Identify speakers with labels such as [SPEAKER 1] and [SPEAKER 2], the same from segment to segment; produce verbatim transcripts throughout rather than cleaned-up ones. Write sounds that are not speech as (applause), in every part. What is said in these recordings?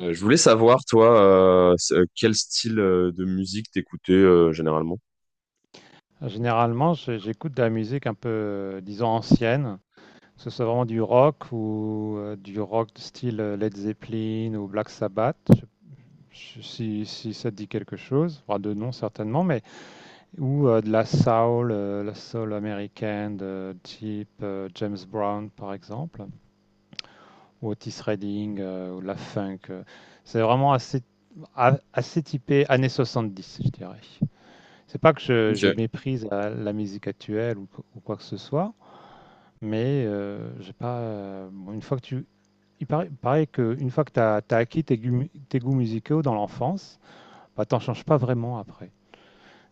[SPEAKER 1] Euh, je voulais savoir, toi, euh, s- euh, quel style euh, de musique t'écoutais euh, généralement?
[SPEAKER 2] Généralement, j'ai- j'écoute de la musique un peu, euh, disons, ancienne, que ce soit vraiment du rock ou euh, du rock de style euh, Led Zeppelin ou Black Sabbath. Je- si, si ça te dit quelque chose, enfin, de nom certainement, mais ou euh, de la soul, euh, la soul américaine de type euh, James Brown par exemple, ou Otis Redding, euh, ou de la funk. euh. C'est vraiment assez, a- assez typé années soixante-dix, je dirais. C'est pas que je,
[SPEAKER 1] Ok.
[SPEAKER 2] je méprise euh, la musique actuelle ou ou quoi que ce soit. Mais heu, j'ai pas, heu, bon une fois que tu il paraît il paraît que une fois que tu as acquis tes goûts tes goûts musicaux dans l'enfance, bah, t'en changes pas vraiment après.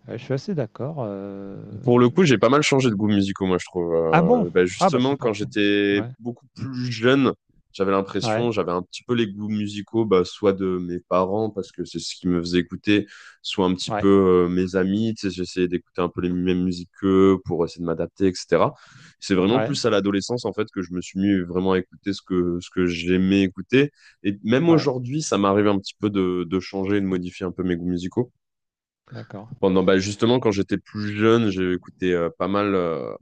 [SPEAKER 2] Ouais, je suis assez d'accord. Heu
[SPEAKER 1] Pour le coup, j'ai pas mal changé de goût musicaux, moi, je trouve.
[SPEAKER 2] ah bon?
[SPEAKER 1] Euh, bah,
[SPEAKER 2] Ah bah, c'est
[SPEAKER 1] justement, quand
[SPEAKER 2] parfait.
[SPEAKER 1] j'étais
[SPEAKER 2] Ouais.
[SPEAKER 1] beaucoup plus jeune, j'avais
[SPEAKER 2] Ouais.
[SPEAKER 1] l'impression, j'avais un petit peu les goûts musicaux, bah, soit de mes parents, parce que c'est ce qui me faisait écouter, soit un petit
[SPEAKER 2] Ouais.
[SPEAKER 1] peu euh, mes amis, tu sais, j'essayais d'écouter un peu les mêmes musiques qu'eux pour essayer de m'adapter, et cetera. C'est vraiment
[SPEAKER 2] Ouais.
[SPEAKER 1] plus à l'adolescence, en fait, que je me suis mis vraiment à écouter ce que, ce que j'aimais écouter. Et même
[SPEAKER 2] Ouais.
[SPEAKER 1] aujourd'hui, ça m'arrive un petit peu de, de changer et de modifier un peu mes goûts musicaux.
[SPEAKER 2] D'accord.
[SPEAKER 1] Pendant, bah, justement, quand j'étais plus jeune, j'ai écouté euh, pas mal. euh,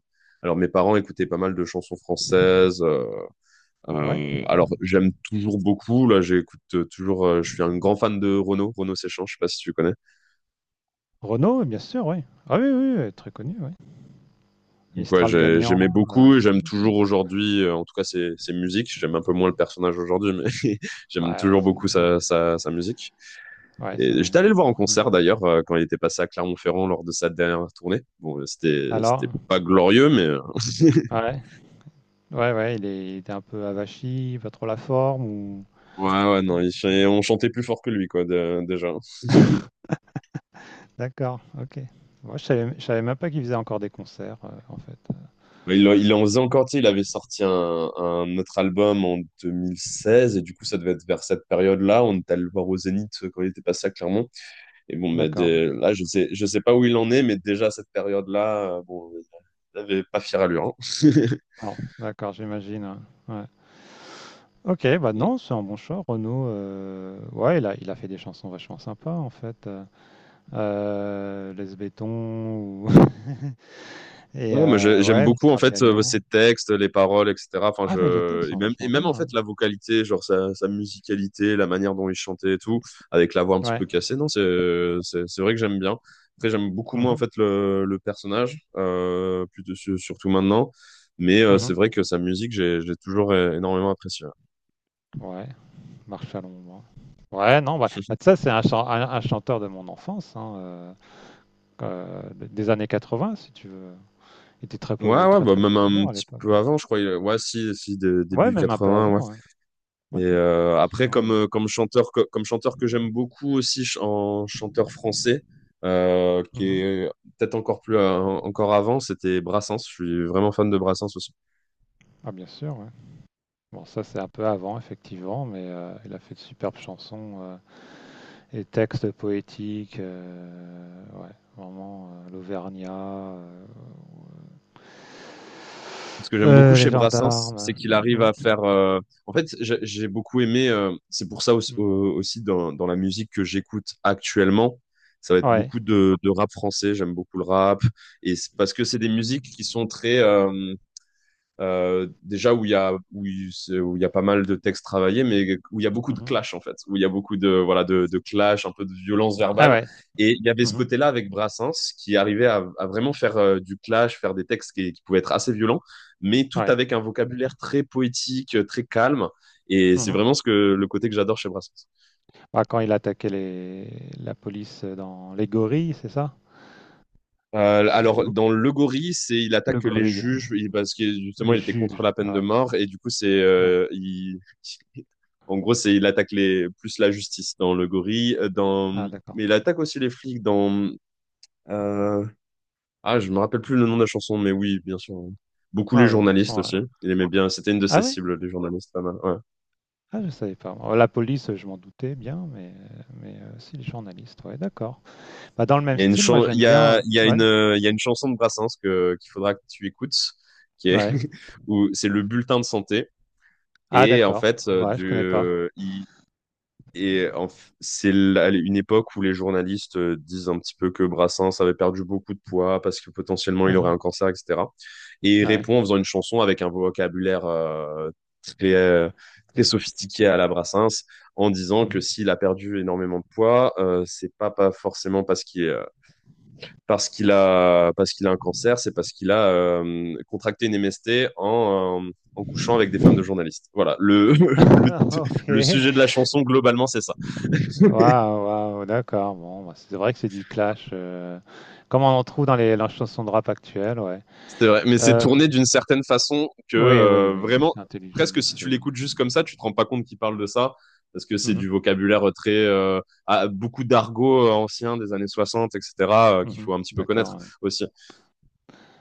[SPEAKER 1] Alors, mes parents écoutaient pas mal de chansons françaises. Euh,
[SPEAKER 2] Ouais.
[SPEAKER 1] euh, alors, j'aime toujours beaucoup. Là, j'écoute euh, toujours. Euh, je suis un grand fan de Renaud, Renaud Séchan. Je sais pas si tu connais.
[SPEAKER 2] Renaud, bien sûr, oui. Ah oui, oui, oui, très connu, oui.
[SPEAKER 1] Donc, ouais,
[SPEAKER 2] Mistral
[SPEAKER 1] j'ai-
[SPEAKER 2] gagnant,
[SPEAKER 1] j'aimais
[SPEAKER 2] heu,
[SPEAKER 1] beaucoup. Et j'aime toujours aujourd'hui. Euh, en tout cas, ses, ses musiques. J'aime un peu moins le personnage aujourd'hui, mais (laughs) j'aime
[SPEAKER 2] ouais,
[SPEAKER 1] toujours
[SPEAKER 2] c'est
[SPEAKER 1] beaucoup
[SPEAKER 2] des ouais.
[SPEAKER 1] sa, sa, sa musique.
[SPEAKER 2] Ouais, c'est
[SPEAKER 1] Et
[SPEAKER 2] vrai,
[SPEAKER 1] j'étais allé le voir en
[SPEAKER 2] ouais. Mmh.
[SPEAKER 1] concert d'ailleurs euh, quand il était passé à Clermont-Ferrand lors de sa dernière tournée. Bon, euh, c'était
[SPEAKER 2] Alors?
[SPEAKER 1] c'était pas glorieux, mais euh, (laughs)
[SPEAKER 2] Ouais. Ouais, ouais, il est il était un peu avachi, pas trop la forme ou?
[SPEAKER 1] Ouais, ouais, non, il ch- on chantait plus fort que lui, quoi, de- déjà.
[SPEAKER 2] (laughs) D'accord, OK. Moi, je savais je savais même pas qu'ils faisaient encore des concerts, heu, en fait.
[SPEAKER 1] Mais Il, en- il en faisait encore, tu sais, il avait sorti un, un autre album en deux mille seize, et du coup, ça devait être vers cette période-là. On était allé le voir au Zénith euh, quand il était passé à Clermont. Et bon, mais
[SPEAKER 2] D'accord.
[SPEAKER 1] dès- là, je sais, je sais pas où il en est, mais déjà à cette période-là, euh, bon, il avait pas fière allure, hein.
[SPEAKER 2] Alors, d'accord, j'imagine, ouais. Ouais. OK, bah, non,
[SPEAKER 1] (laughs)
[SPEAKER 2] c'est un bon choix, Renaud, heu, ouais, il a il a fait des chansons vachement sympas, en fait, heu, heu, laisse ou (laughs) et
[SPEAKER 1] Ouais, moi je-
[SPEAKER 2] heu,
[SPEAKER 1] j'aime
[SPEAKER 2] ouais,
[SPEAKER 1] beaucoup en
[SPEAKER 2] Mistral
[SPEAKER 1] fait euh, ses
[SPEAKER 2] Gagnant.
[SPEAKER 1] textes, les paroles, et cetera. Enfin,
[SPEAKER 2] Ah, mais les
[SPEAKER 1] je
[SPEAKER 2] textes
[SPEAKER 1] et
[SPEAKER 2] sont
[SPEAKER 1] même et
[SPEAKER 2] vachement
[SPEAKER 1] même
[SPEAKER 2] bien,
[SPEAKER 1] en fait
[SPEAKER 2] ouais.
[SPEAKER 1] la vocalité, genre sa, sa musicalité, la manière dont il chantait et tout, avec la voix un petit
[SPEAKER 2] Ouais.
[SPEAKER 1] peu cassée. Non, c'est c'est c'est vrai que j'aime bien. Après, j'aime beaucoup
[SPEAKER 2] Mmh
[SPEAKER 1] moins en
[SPEAKER 2] mh.
[SPEAKER 1] fait le le personnage, euh, plus de- su- surtout maintenant. Mais euh, c'est
[SPEAKER 2] Mmh.
[SPEAKER 1] vrai que sa musique, j'ai j'ai toujours é- énormément apprécié. Ouais,
[SPEAKER 2] Ouais, Marche à l'ombre, hein. Ouais, non, bah, bah, ça,
[SPEAKER 1] (laughs)
[SPEAKER 2] c'est un chan un un chanteur de mon enfance, hein, heu euh, des années quatre-vingt, si tu veux. Il était très,
[SPEAKER 1] ouais,
[SPEAKER 2] po-
[SPEAKER 1] ouais,
[SPEAKER 2] très,
[SPEAKER 1] bah
[SPEAKER 2] très
[SPEAKER 1] même un
[SPEAKER 2] populaire à
[SPEAKER 1] petit
[SPEAKER 2] l'époque.
[SPEAKER 1] peu avant, je crois. il- Ouais, si si dé-
[SPEAKER 2] Ouais,
[SPEAKER 1] début
[SPEAKER 2] même un peu
[SPEAKER 1] vingts.
[SPEAKER 2] avant, hein. Ouais,
[SPEAKER 1] Et euh, après,
[SPEAKER 2] absolument,
[SPEAKER 1] comme,
[SPEAKER 2] ouais.
[SPEAKER 1] euh, comme chanteur, que- comme chanteur que j'aime beaucoup aussi ch- en chanteur français, euh, qui
[SPEAKER 2] Mhm.
[SPEAKER 1] est peut-être encore plus euh, encore avant, c'était Brassens. Je suis vraiment fan de Brassens aussi.
[SPEAKER 2] Ah, bien sûr, ouais. Bon, ça, c'est un peu avant, effectivement, mais euh, il a fait de superbes chansons euh, et textes poétiques. Euh, ouais, vraiment, euh, l'Auvergnat, euh, ouais.
[SPEAKER 1] Ce que j'aime beaucoup
[SPEAKER 2] Euh, les
[SPEAKER 1] chez Brassens,
[SPEAKER 2] gendarmes.
[SPEAKER 1] c'est qu'il arrive
[SPEAKER 2] Mm,
[SPEAKER 1] à faire. euh, En fait, j'ai j'ai beaucoup aimé. euh, C'est pour ça aussi, au-
[SPEAKER 2] mm.
[SPEAKER 1] aussi dans, dans la musique que j'écoute actuellement, ça va être
[SPEAKER 2] Ouais.
[SPEAKER 1] beaucoup de, de rap français. J'aime beaucoup le rap, et c'est parce que c'est des musiques qui sont très euh, euh, déjà où il y a où il où il y a pas mal de textes travaillés, mais où il y a beaucoup de
[SPEAKER 2] Mhm.
[SPEAKER 1] clash en fait, où il y a beaucoup de voilà de, de clash, un peu de violence
[SPEAKER 2] Ah
[SPEAKER 1] verbale.
[SPEAKER 2] ouais.
[SPEAKER 1] Et il y avait ce
[SPEAKER 2] Mhm.
[SPEAKER 1] côté-là avec Brassens qui arrivait à, à vraiment faire euh, du clash, faire des textes qui, qui pouvaient être assez violents, mais tout
[SPEAKER 2] Ouais.
[SPEAKER 1] avec un vocabulaire très poétique, euh, très calme. Et c'est
[SPEAKER 2] Mhm.
[SPEAKER 1] vraiment ce que le côté que j'adore chez Brassens.
[SPEAKER 2] Ah, quand il attaquait les... la police dans les gorilles, c'est ça?
[SPEAKER 1] Euh,
[SPEAKER 2] C'est Les...
[SPEAKER 1] alors,
[SPEAKER 2] go-
[SPEAKER 1] dans Le Gorille, c'est il
[SPEAKER 2] Le
[SPEAKER 1] attaque les
[SPEAKER 2] gorille,
[SPEAKER 1] juges il- parce que justement
[SPEAKER 2] les
[SPEAKER 1] il était contre
[SPEAKER 2] juges.
[SPEAKER 1] la peine
[SPEAKER 2] Ah
[SPEAKER 1] de
[SPEAKER 2] ouais.
[SPEAKER 1] mort et du coup c'est
[SPEAKER 2] Ouais.
[SPEAKER 1] euh, il- (laughs) en gros c'est il attaque les plus la justice dans Le Gorille euh, dans
[SPEAKER 2] Ah d'accord.
[SPEAKER 1] mais il attaque aussi les flics dans euh, ah je me rappelle plus le nom de la chanson, mais oui bien sûr hein. Beaucoup les
[SPEAKER 2] Ah oui, de toute
[SPEAKER 1] journalistes
[SPEAKER 2] façon. euh,
[SPEAKER 1] aussi, il aimait bien, c'était une de
[SPEAKER 2] Ah
[SPEAKER 1] ses
[SPEAKER 2] ouais?
[SPEAKER 1] cibles les journalistes, pas mal ouais.
[SPEAKER 2] Ah, je savais pas. Oh, la police, je m'en doutais bien, mais mais euh, si les journalistes, ouais, d'accord. Bah, dans le même
[SPEAKER 1] Il y a une
[SPEAKER 2] style, moi
[SPEAKER 1] chan- il
[SPEAKER 2] j'aime
[SPEAKER 1] y
[SPEAKER 2] bien.
[SPEAKER 1] a
[SPEAKER 2] euh,
[SPEAKER 1] il y a
[SPEAKER 2] Ouais,
[SPEAKER 1] une euh, il y a une chanson de Brassens que qu'il faudra que tu écoutes qui est
[SPEAKER 2] ouais.
[SPEAKER 1] (laughs) où c'est le bulletin de santé.
[SPEAKER 2] Ah
[SPEAKER 1] Et en
[SPEAKER 2] d'accord.
[SPEAKER 1] fait, euh,
[SPEAKER 2] Ouais, je connais pas.
[SPEAKER 1] du, il- et en f- c'est la- une époque où les journalistes euh, disent un petit peu que Brassens avait perdu beaucoup de poids parce que potentiellement il aurait un
[SPEAKER 2] Uhum.
[SPEAKER 1] cancer, et cetera. Et il
[SPEAKER 2] Ouais.
[SPEAKER 1] répond en faisant une chanson avec un vocabulaire euh, très, euh, très sophistiqué à la Brassens, en disant que
[SPEAKER 2] Mhm.
[SPEAKER 1] s'il a perdu énormément de poids, euh, c'est pas, pas forcément parce qu'il parce qu'il a, parce qu'il a un cancer, c'est parce qu'il a euh, contracté une M S T en, euh, en couchant avec des femmes de
[SPEAKER 2] (laughs)
[SPEAKER 1] journalistes. Voilà, le, (laughs) le,
[SPEAKER 2] Ok.
[SPEAKER 1] le sujet de la chanson, globalement, c'est ça.
[SPEAKER 2] Waouh, waouh, d'accord. Bon, bah, c'est vrai que c'est du clash. euh, Comme on en trouve dans les, dans les chansons de rap actuelles, ouais.
[SPEAKER 1] C'est vrai, mais c'est
[SPEAKER 2] Euh,
[SPEAKER 1] tourné d'une certaine façon que
[SPEAKER 2] oui, oui,
[SPEAKER 1] euh,
[SPEAKER 2] oui,
[SPEAKER 1] vraiment,
[SPEAKER 2] c'est
[SPEAKER 1] presque
[SPEAKER 2] intelligemment
[SPEAKER 1] si tu
[SPEAKER 2] fait, ouais.
[SPEAKER 1] l'écoutes juste comme ça, tu te rends pas compte qu'il parle de ça, parce que c'est
[SPEAKER 2] Mhm,
[SPEAKER 1] du vocabulaire très, euh, à- beaucoup d'argot euh, ancien des années soixante, et cetera, euh, qu'il
[SPEAKER 2] mhm,
[SPEAKER 1] faut un petit peu connaître
[SPEAKER 2] d'accord, ouais.
[SPEAKER 1] aussi.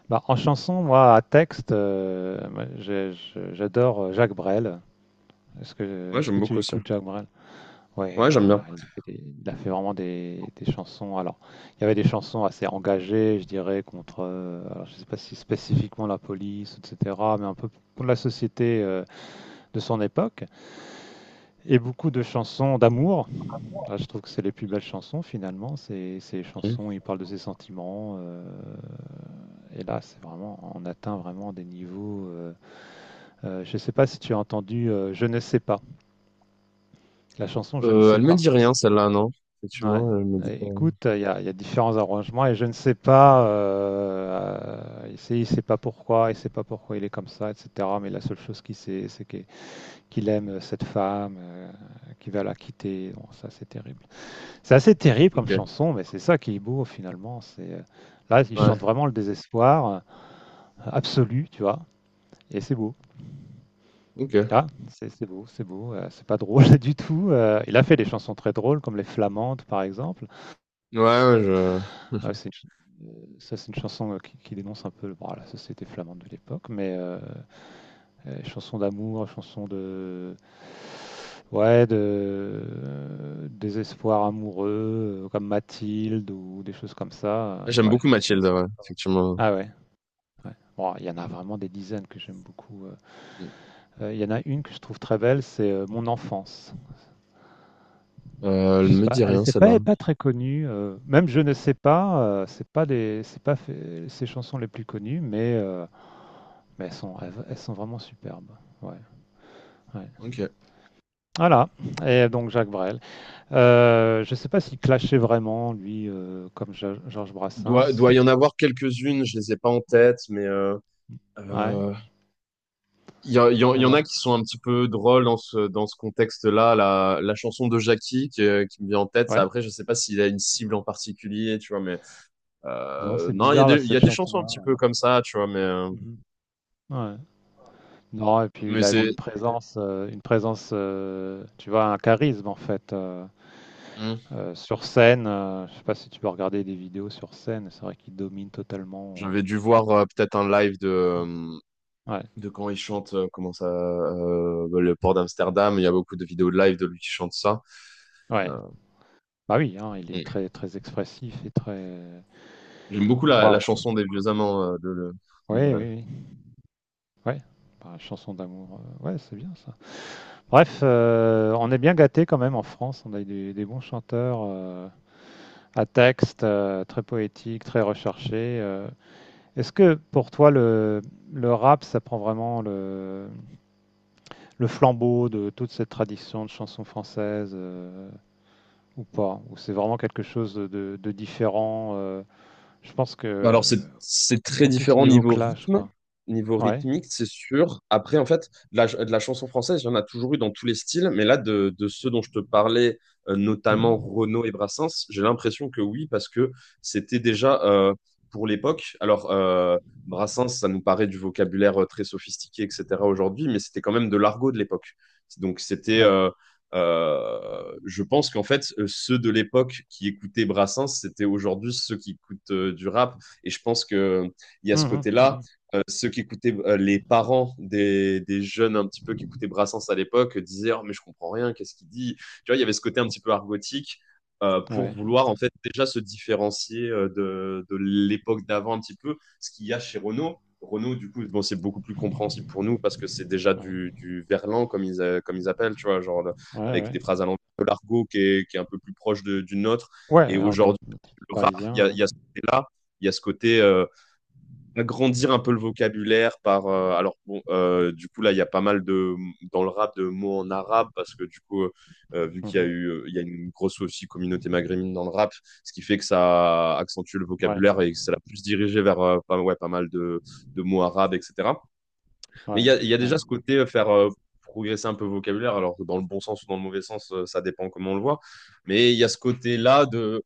[SPEAKER 2] Bah, en chanson, moi, à texte, euh, moi, j'ai- je- j'adore euh, Jacques Brel. Est-ce que,
[SPEAKER 1] Ouais,
[SPEAKER 2] est-ce
[SPEAKER 1] j'aime
[SPEAKER 2] que tu
[SPEAKER 1] beaucoup aussi.
[SPEAKER 2] écoutes Jacques Brel? Oui, il
[SPEAKER 1] Ouais, j'aime bien.
[SPEAKER 2] a fait des- il a fait vraiment des, des chansons. Alors, il y avait des chansons assez engagées, je dirais, contre, euh, alors, je sais pas si spécifiquement la police, et cetera, mais un peu pour la société euh, de son époque, et beaucoup de chansons d'amour. Ah, je trouve que c'est les plus belles chansons finalement, c'est ces chansons, où il parle de ses sentiments. Euh, et là, c'est vraiment, on atteint vraiment des niveaux. Euh, euh, je ne sais pas si tu as entendu euh, Je ne sais pas. La chanson Je ne
[SPEAKER 1] Euh,
[SPEAKER 2] sais
[SPEAKER 1] elle me
[SPEAKER 2] pas.
[SPEAKER 1] dit rien, celle-là, non?
[SPEAKER 2] Ouais.
[SPEAKER 1] Effectivement, elle me dit pas.
[SPEAKER 2] Et écoute, il y a, il y a différents arrangements et je ne sais pas. Euh, il sait, il sait pas pourquoi, il sait pas pourquoi il est comme ça, et cetera. Mais la seule chose qu'il sait, c'est que- qu'il aime cette femme, euh, qu'il va la quitter. Bon, ça, c'est terrible. C'est assez terrible comme
[SPEAKER 1] Ok.
[SPEAKER 2] chanson, mais c'est ça qui est beau finalement. C'est euh, Là, il chante
[SPEAKER 1] Ouais,
[SPEAKER 2] vraiment le désespoir, euh, absolu, tu vois, et c'est beau.
[SPEAKER 1] ok. Ouais,
[SPEAKER 2] Là, c'est c'est beau, c'est beau. Euh, c'est pas drôle (laughs) du tout. Euh, il a fait des chansons très drôles, comme les Flamandes, par exemple.
[SPEAKER 1] ouais, je...
[SPEAKER 2] Euh, c'est une ch- euh, Ça, c'est une chanson euh, qui, qui dénonce un peu bon, la société flamande de l'époque, mais euh, euh, chanson d'amour, chanson de ouais, de euh, désespoir amoureux, euh, comme Mathilde ou des choses comme ça. Euh,
[SPEAKER 1] J'aime
[SPEAKER 2] ouais,
[SPEAKER 1] beaucoup
[SPEAKER 2] ça,
[SPEAKER 1] Mathilde, ouais, effectivement.
[SPEAKER 2] ah ouais, ouais. Bon, il y en a vraiment des dizaines que j'aime beaucoup. euh. Euh, il y en a une que je trouve très belle, c'est euh, Mon enfance.
[SPEAKER 1] Euh, elle
[SPEAKER 2] Je sais
[SPEAKER 1] me
[SPEAKER 2] pas,
[SPEAKER 1] dit
[SPEAKER 2] elle
[SPEAKER 1] rien,
[SPEAKER 2] c'est
[SPEAKER 1] celle-là.
[SPEAKER 2] pas, pas très connue. Euh, même je ne sais pas, euh, c'est pas les, c'est pas fait- ses chansons les plus connues, mais, euh, mais elles sont, elles, elles sont vraiment superbes. Ouais, ouais.
[SPEAKER 1] Ok.
[SPEAKER 2] Voilà. Et donc Jacques Brel. Euh, je sais pas s'il clashait vraiment lui, euh, comme Ja- Georges
[SPEAKER 1] Doit,
[SPEAKER 2] Brassens.
[SPEAKER 1] doit y en avoir quelques-unes, je les ai pas en tête, mais euh,
[SPEAKER 2] Ouais.
[SPEAKER 1] euh, il y, a- il y en il y en a
[SPEAKER 2] Alors,
[SPEAKER 1] qui sont un petit peu drôles dans ce, dans ce contexte-là. La, la chanson de Jackie qui, euh, qui me vient en tête, ça,
[SPEAKER 2] ouais.
[SPEAKER 1] après, je sais pas s'il a une cible en particulier, tu vois, mais
[SPEAKER 2] Non,
[SPEAKER 1] euh,
[SPEAKER 2] c'est
[SPEAKER 1] non, il y a
[SPEAKER 2] bizarre
[SPEAKER 1] des,
[SPEAKER 2] là
[SPEAKER 1] il y
[SPEAKER 2] cette
[SPEAKER 1] a des chansons un
[SPEAKER 2] chanson-là,
[SPEAKER 1] petit
[SPEAKER 2] ouais.
[SPEAKER 1] peu comme ça, tu vois, mais, euh,
[SPEAKER 2] Mhm. Ouais. Non, et puis
[SPEAKER 1] mais
[SPEAKER 2] il avait
[SPEAKER 1] c'est...
[SPEAKER 2] une présence, euh, une présence, euh, tu vois, un charisme en fait. Euh,
[SPEAKER 1] Hmm.
[SPEAKER 2] euh, sur scène, euh, je sais pas si tu peux regarder des vidéos sur scène, c'est vrai qu'il domine totalement.
[SPEAKER 1] J'avais dû voir euh, peut-être un live de,
[SPEAKER 2] euh,
[SPEAKER 1] euh,
[SPEAKER 2] Ouais,
[SPEAKER 1] de quand il chante, euh, comment ça, euh, le port d'Amsterdam. Il y a beaucoup de vidéos de live de lui qui chante ça.
[SPEAKER 2] ouais.
[SPEAKER 1] Euh,
[SPEAKER 2] Bah oui, hein, il est
[SPEAKER 1] mm.
[SPEAKER 2] très très expressif et très.
[SPEAKER 1] J'aime beaucoup la, la
[SPEAKER 2] Waouh.
[SPEAKER 1] chanson des vieux amants euh, de, de, de
[SPEAKER 2] Oui, oui,
[SPEAKER 1] Brel.
[SPEAKER 2] oui. Ouais. Bah, chanson d'amour, euh, ouais, c'est bien ça. Bref, euh, on est bien gâté quand même en France. On a des, des bons chanteurs euh, à texte, euh, très poétiques, très recherchés. euh, Est-ce que pour toi, le, le rap, ça prend vraiment le, le flambeau de toute cette tradition de chansons françaises, euh, ou pas? Ou c'est vraiment quelque chose de, de- de différent? Euh, je pense que
[SPEAKER 1] Alors, c'est c'est
[SPEAKER 2] ils
[SPEAKER 1] très
[SPEAKER 2] sont plus au
[SPEAKER 1] différent
[SPEAKER 2] niveau
[SPEAKER 1] niveau
[SPEAKER 2] clash,
[SPEAKER 1] rythme,
[SPEAKER 2] quoi.
[SPEAKER 1] niveau
[SPEAKER 2] Ouais.
[SPEAKER 1] rythmique, c'est sûr. Après, en fait, de la, ch- de la chanson française, il y en a toujours eu dans tous les styles, mais là, de, de ceux dont je te parlais, euh, notamment
[SPEAKER 2] Mhm.
[SPEAKER 1] Renaud et Brassens, j'ai l'impression que oui, parce que c'était déjà euh, pour l'époque. Alors, euh, Brassens, ça nous paraît du vocabulaire euh, très sophistiqué, et cetera aujourd'hui, mais c'était quand même de l'argot de l'époque. Donc, c'était.
[SPEAKER 2] Ouais.
[SPEAKER 1] Euh, euh, je pense qu'en fait, euh, ceux de l'époque qui écoutaient Brassens, c'était aujourd'hui ceux qui écoutent euh, du rap, et je pense qu'il y a ce
[SPEAKER 2] Mhm,
[SPEAKER 1] côté-là.
[SPEAKER 2] mhm.
[SPEAKER 1] Euh, ceux qui écoutaient, euh, les parents des, des, jeunes un petit peu qui écoutaient Brassens à l'époque disaient oh, mais je comprends rien, qu'est-ce qu'il dit. Tu vois, il y avait ce côté un petit peu argotique, euh, pour
[SPEAKER 2] Ouais.
[SPEAKER 1] vouloir en fait déjà se différencier euh, de, de l'époque d'avant un petit peu, ce qu'il y a chez Renaud Renaud du coup, bon, c'est beaucoup plus compréhensible pour nous parce que c'est déjà
[SPEAKER 2] Ouais.
[SPEAKER 1] du, du verlan, comme ils, euh, comme ils appellent, tu vois, genre le,
[SPEAKER 2] Ouais.
[SPEAKER 1] avec
[SPEAKER 2] Ouais.
[SPEAKER 1] des phrases à l'envers de l'argot qui est, qui est un peu plus proche de, du nôtre.
[SPEAKER 2] Ouais.
[SPEAKER 1] Et
[SPEAKER 2] Argot
[SPEAKER 1] aujourd'hui, le rap, il y
[SPEAKER 2] parisien.
[SPEAKER 1] a, il
[SPEAKER 2] Ouais.
[SPEAKER 1] y a ce côté-là, il y a ce côté euh, agrandir un peu le vocabulaire par euh, alors bon euh, du coup là il y a pas mal de dans le rap de mots en arabe parce que du coup euh, vu qu'il y a
[SPEAKER 2] Mhm.
[SPEAKER 1] eu euh, il y a une grosse aussi communauté maghrébine dans le rap, ce qui fait que ça accentue le
[SPEAKER 2] Ouais.
[SPEAKER 1] vocabulaire et que ça l'a plus dirigé vers euh, pas, ouais, pas mal de, de mots arabes, etc. Mais il y
[SPEAKER 2] Ouais.
[SPEAKER 1] a, il y a déjà
[SPEAKER 2] Ouais.
[SPEAKER 1] ce côté euh, faire euh, progresser un peu le vocabulaire, alors que dans le bon sens ou dans le mauvais sens euh, ça dépend comment on le voit, mais il y a ce côté là de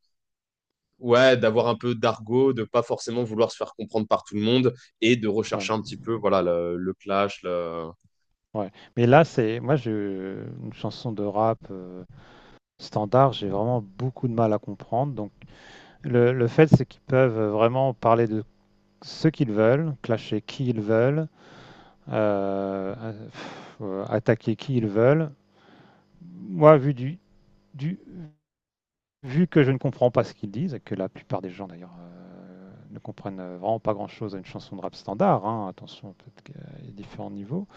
[SPEAKER 1] ouais, d'avoir un peu d'argot, de pas forcément vouloir se faire comprendre par tout le monde et de
[SPEAKER 2] Ouais.
[SPEAKER 1] rechercher un petit peu voilà le, le clash, le-
[SPEAKER 2] Ouais. Mais là, c'est moi, je une chanson de rap euh, standard, j'ai vraiment beaucoup de mal à comprendre. Le, le fait, c'est qu'ils peuvent vraiment parler de ce qu'ils veulent, clasher qui ils veulent, euh, euh, attaquer qui ils veulent. Moi, vu, du, du, vu que je ne comprends pas ce qu'ils disent, et que la plupart des gens d'ailleurs euh, ne comprennent vraiment pas grand-chose à une chanson de rap standard, hein, attention, peut-être qu'il y a différents niveaux,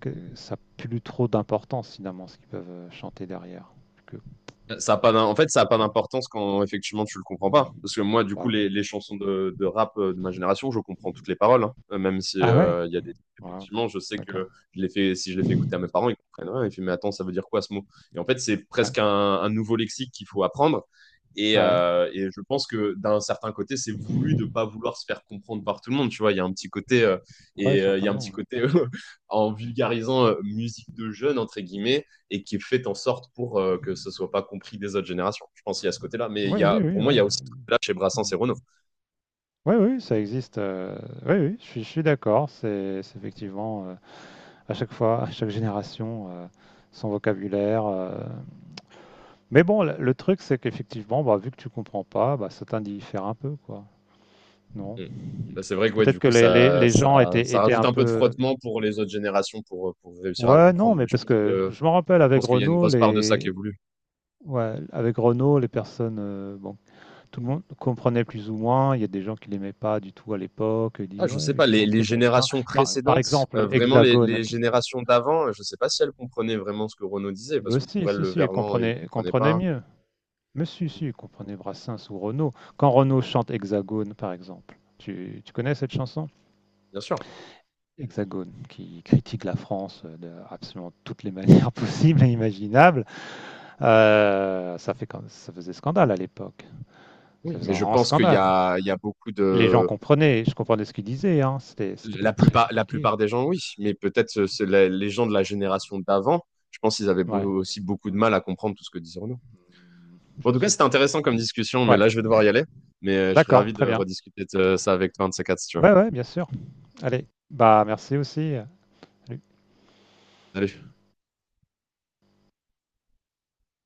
[SPEAKER 2] que ça n'a plus trop d'importance finalement ce qu'ils peuvent chanter derrière. Que,
[SPEAKER 1] Ça a pas d'im- En fait,
[SPEAKER 2] de
[SPEAKER 1] ça n'a
[SPEAKER 2] quoi ils
[SPEAKER 1] pas
[SPEAKER 2] parlent.
[SPEAKER 1] d'importance quand effectivement tu le comprends pas. Parce que moi, du
[SPEAKER 2] Bah
[SPEAKER 1] coup,
[SPEAKER 2] oui.
[SPEAKER 1] les, les chansons de, de rap euh, de ma génération, je comprends toutes les paroles. Hein. Euh, Même si
[SPEAKER 2] Ah ouais,
[SPEAKER 1] euh, il y a des
[SPEAKER 2] ouais,
[SPEAKER 1] effectivement, je sais que
[SPEAKER 2] d'accord.
[SPEAKER 1] je les fais, si je les fais écouter à mes parents, ils comprennent rien. Ils font, mais attends, ça veut dire quoi ce mot? Et en fait, c'est
[SPEAKER 2] Ouais.
[SPEAKER 1] presque un, un nouveau lexique qu'il faut apprendre. Et,
[SPEAKER 2] Ouais.
[SPEAKER 1] euh, et je pense que d'un certain côté, c'est voulu de pas vouloir se faire comprendre par tout le monde. Tu vois, il y a un petit côté euh,
[SPEAKER 2] Ouais,
[SPEAKER 1] et euh, il y a un
[SPEAKER 2] certainement,
[SPEAKER 1] petit
[SPEAKER 2] ouais.
[SPEAKER 1] côté (laughs) en vulgarisant euh, musique de jeunes entre guillemets et qui est faite en sorte pour euh, que ce ne soit pas compris des autres générations. Je pense qu'il y a ce côté-là, mais il
[SPEAKER 2] Oui,
[SPEAKER 1] y a,
[SPEAKER 2] oui,
[SPEAKER 1] pour
[SPEAKER 2] oui,
[SPEAKER 1] moi, il y
[SPEAKER 2] ouais.
[SPEAKER 1] a aussi là chez Brassens et Renaud.
[SPEAKER 2] Oui, oui, ça existe. Euh, oui, oui, je suis, je suis d'accord. C'est c'est effectivement euh, à chaque fois, à chaque génération, euh, son vocabulaire. euh. Mais bon, le, le truc, c'est qu'effectivement, bah, vu que tu comprends pas, bah, ça t'indiffère un peu, quoi. Non.
[SPEAKER 1] Mm. Bah, c'est vrai que ouais,
[SPEAKER 2] Peut-être
[SPEAKER 1] du
[SPEAKER 2] que
[SPEAKER 1] coup,
[SPEAKER 2] les, les-
[SPEAKER 1] ça,
[SPEAKER 2] les
[SPEAKER 1] ça,
[SPEAKER 2] gens étaient,
[SPEAKER 1] ça
[SPEAKER 2] étaient
[SPEAKER 1] rajoute
[SPEAKER 2] un
[SPEAKER 1] un peu de
[SPEAKER 2] peu.
[SPEAKER 1] frottement pour les autres générations pour, euh, pour réussir à
[SPEAKER 2] Ouais, non,
[SPEAKER 1] comprendre. Mais
[SPEAKER 2] mais
[SPEAKER 1] je
[SPEAKER 2] parce
[SPEAKER 1] pense
[SPEAKER 2] que
[SPEAKER 1] que,
[SPEAKER 2] je me rappelle
[SPEAKER 1] je
[SPEAKER 2] avec
[SPEAKER 1] pense qu'il y a une
[SPEAKER 2] Renault,
[SPEAKER 1] grosse part de ça qui est
[SPEAKER 2] les.
[SPEAKER 1] voulu.
[SPEAKER 2] Ouais, avec Renault, les personnes, euh, bon, tout le monde comprenait plus ou moins. Il y a des gens qui l'aimaient pas du tout à l'époque,
[SPEAKER 1] Ah,
[SPEAKER 2] dit:
[SPEAKER 1] je sais
[SPEAKER 2] «Ouais, il
[SPEAKER 1] pas, les,
[SPEAKER 2] chante,
[SPEAKER 1] les
[SPEAKER 2] c'est pas bien».
[SPEAKER 1] générations
[SPEAKER 2] Quand par
[SPEAKER 1] précédentes,
[SPEAKER 2] exemple,
[SPEAKER 1] euh, vraiment les,
[SPEAKER 2] Hexagone,
[SPEAKER 1] les
[SPEAKER 2] tu
[SPEAKER 1] générations d'avant, je sais pas si elles comprenaient vraiment ce que Renaud disait, parce
[SPEAKER 2] mais
[SPEAKER 1] que
[SPEAKER 2] si,
[SPEAKER 1] pour elles,
[SPEAKER 2] si,
[SPEAKER 1] le
[SPEAKER 2] si, elle
[SPEAKER 1] Verlan, il
[SPEAKER 2] comprenait elle
[SPEAKER 1] comprenait
[SPEAKER 2] comprenait
[SPEAKER 1] pas.
[SPEAKER 2] mieux. Mais si, si, elle comprenait Brassens ou Renaud. Quand Renaud chante Hexagone, par exemple, tu tu connais cette chanson?
[SPEAKER 1] Bien sûr.
[SPEAKER 2] Hexagone, qui critique la France, heu, de absolument toutes les manières (laughs) possibles et imaginables, heu, ça fait quand ça faisait scandale à l'époque. Ça
[SPEAKER 1] Oui,
[SPEAKER 2] faisait
[SPEAKER 1] mais
[SPEAKER 2] un
[SPEAKER 1] je
[SPEAKER 2] grand
[SPEAKER 1] pense qu'il y
[SPEAKER 2] scandale.
[SPEAKER 1] a, il y a beaucoup
[SPEAKER 2] Et les gens
[SPEAKER 1] de,
[SPEAKER 2] comprenaient, je comprenais ce qu'ils disaient, hein, c'était c'était pas
[SPEAKER 1] la
[SPEAKER 2] très
[SPEAKER 1] plupart, la
[SPEAKER 2] compliqué.
[SPEAKER 1] plupart des gens, oui, mais peut-être euh, c'est la- les gens de la génération d'avant, je pense qu'ils avaient
[SPEAKER 2] Ouais.
[SPEAKER 1] beau- aussi beaucoup de mal à comprendre tout ce que disait Renaud. Bon, en
[SPEAKER 2] Je
[SPEAKER 1] tout cas,
[SPEAKER 2] sais
[SPEAKER 1] c'était
[SPEAKER 2] pas.
[SPEAKER 1] intéressant comme discussion, mais
[SPEAKER 2] Ouais,
[SPEAKER 1] là, je vais devoir y aller. Mais euh, je serais
[SPEAKER 2] d'accord,
[SPEAKER 1] ravi de
[SPEAKER 2] très bien.
[SPEAKER 1] rediscuter de euh, ça avec toi, un de ces quatre, si tu veux.
[SPEAKER 2] Ouais, ouais, bien sûr. Allez, bah merci aussi. Salut.
[SPEAKER 1] Salut.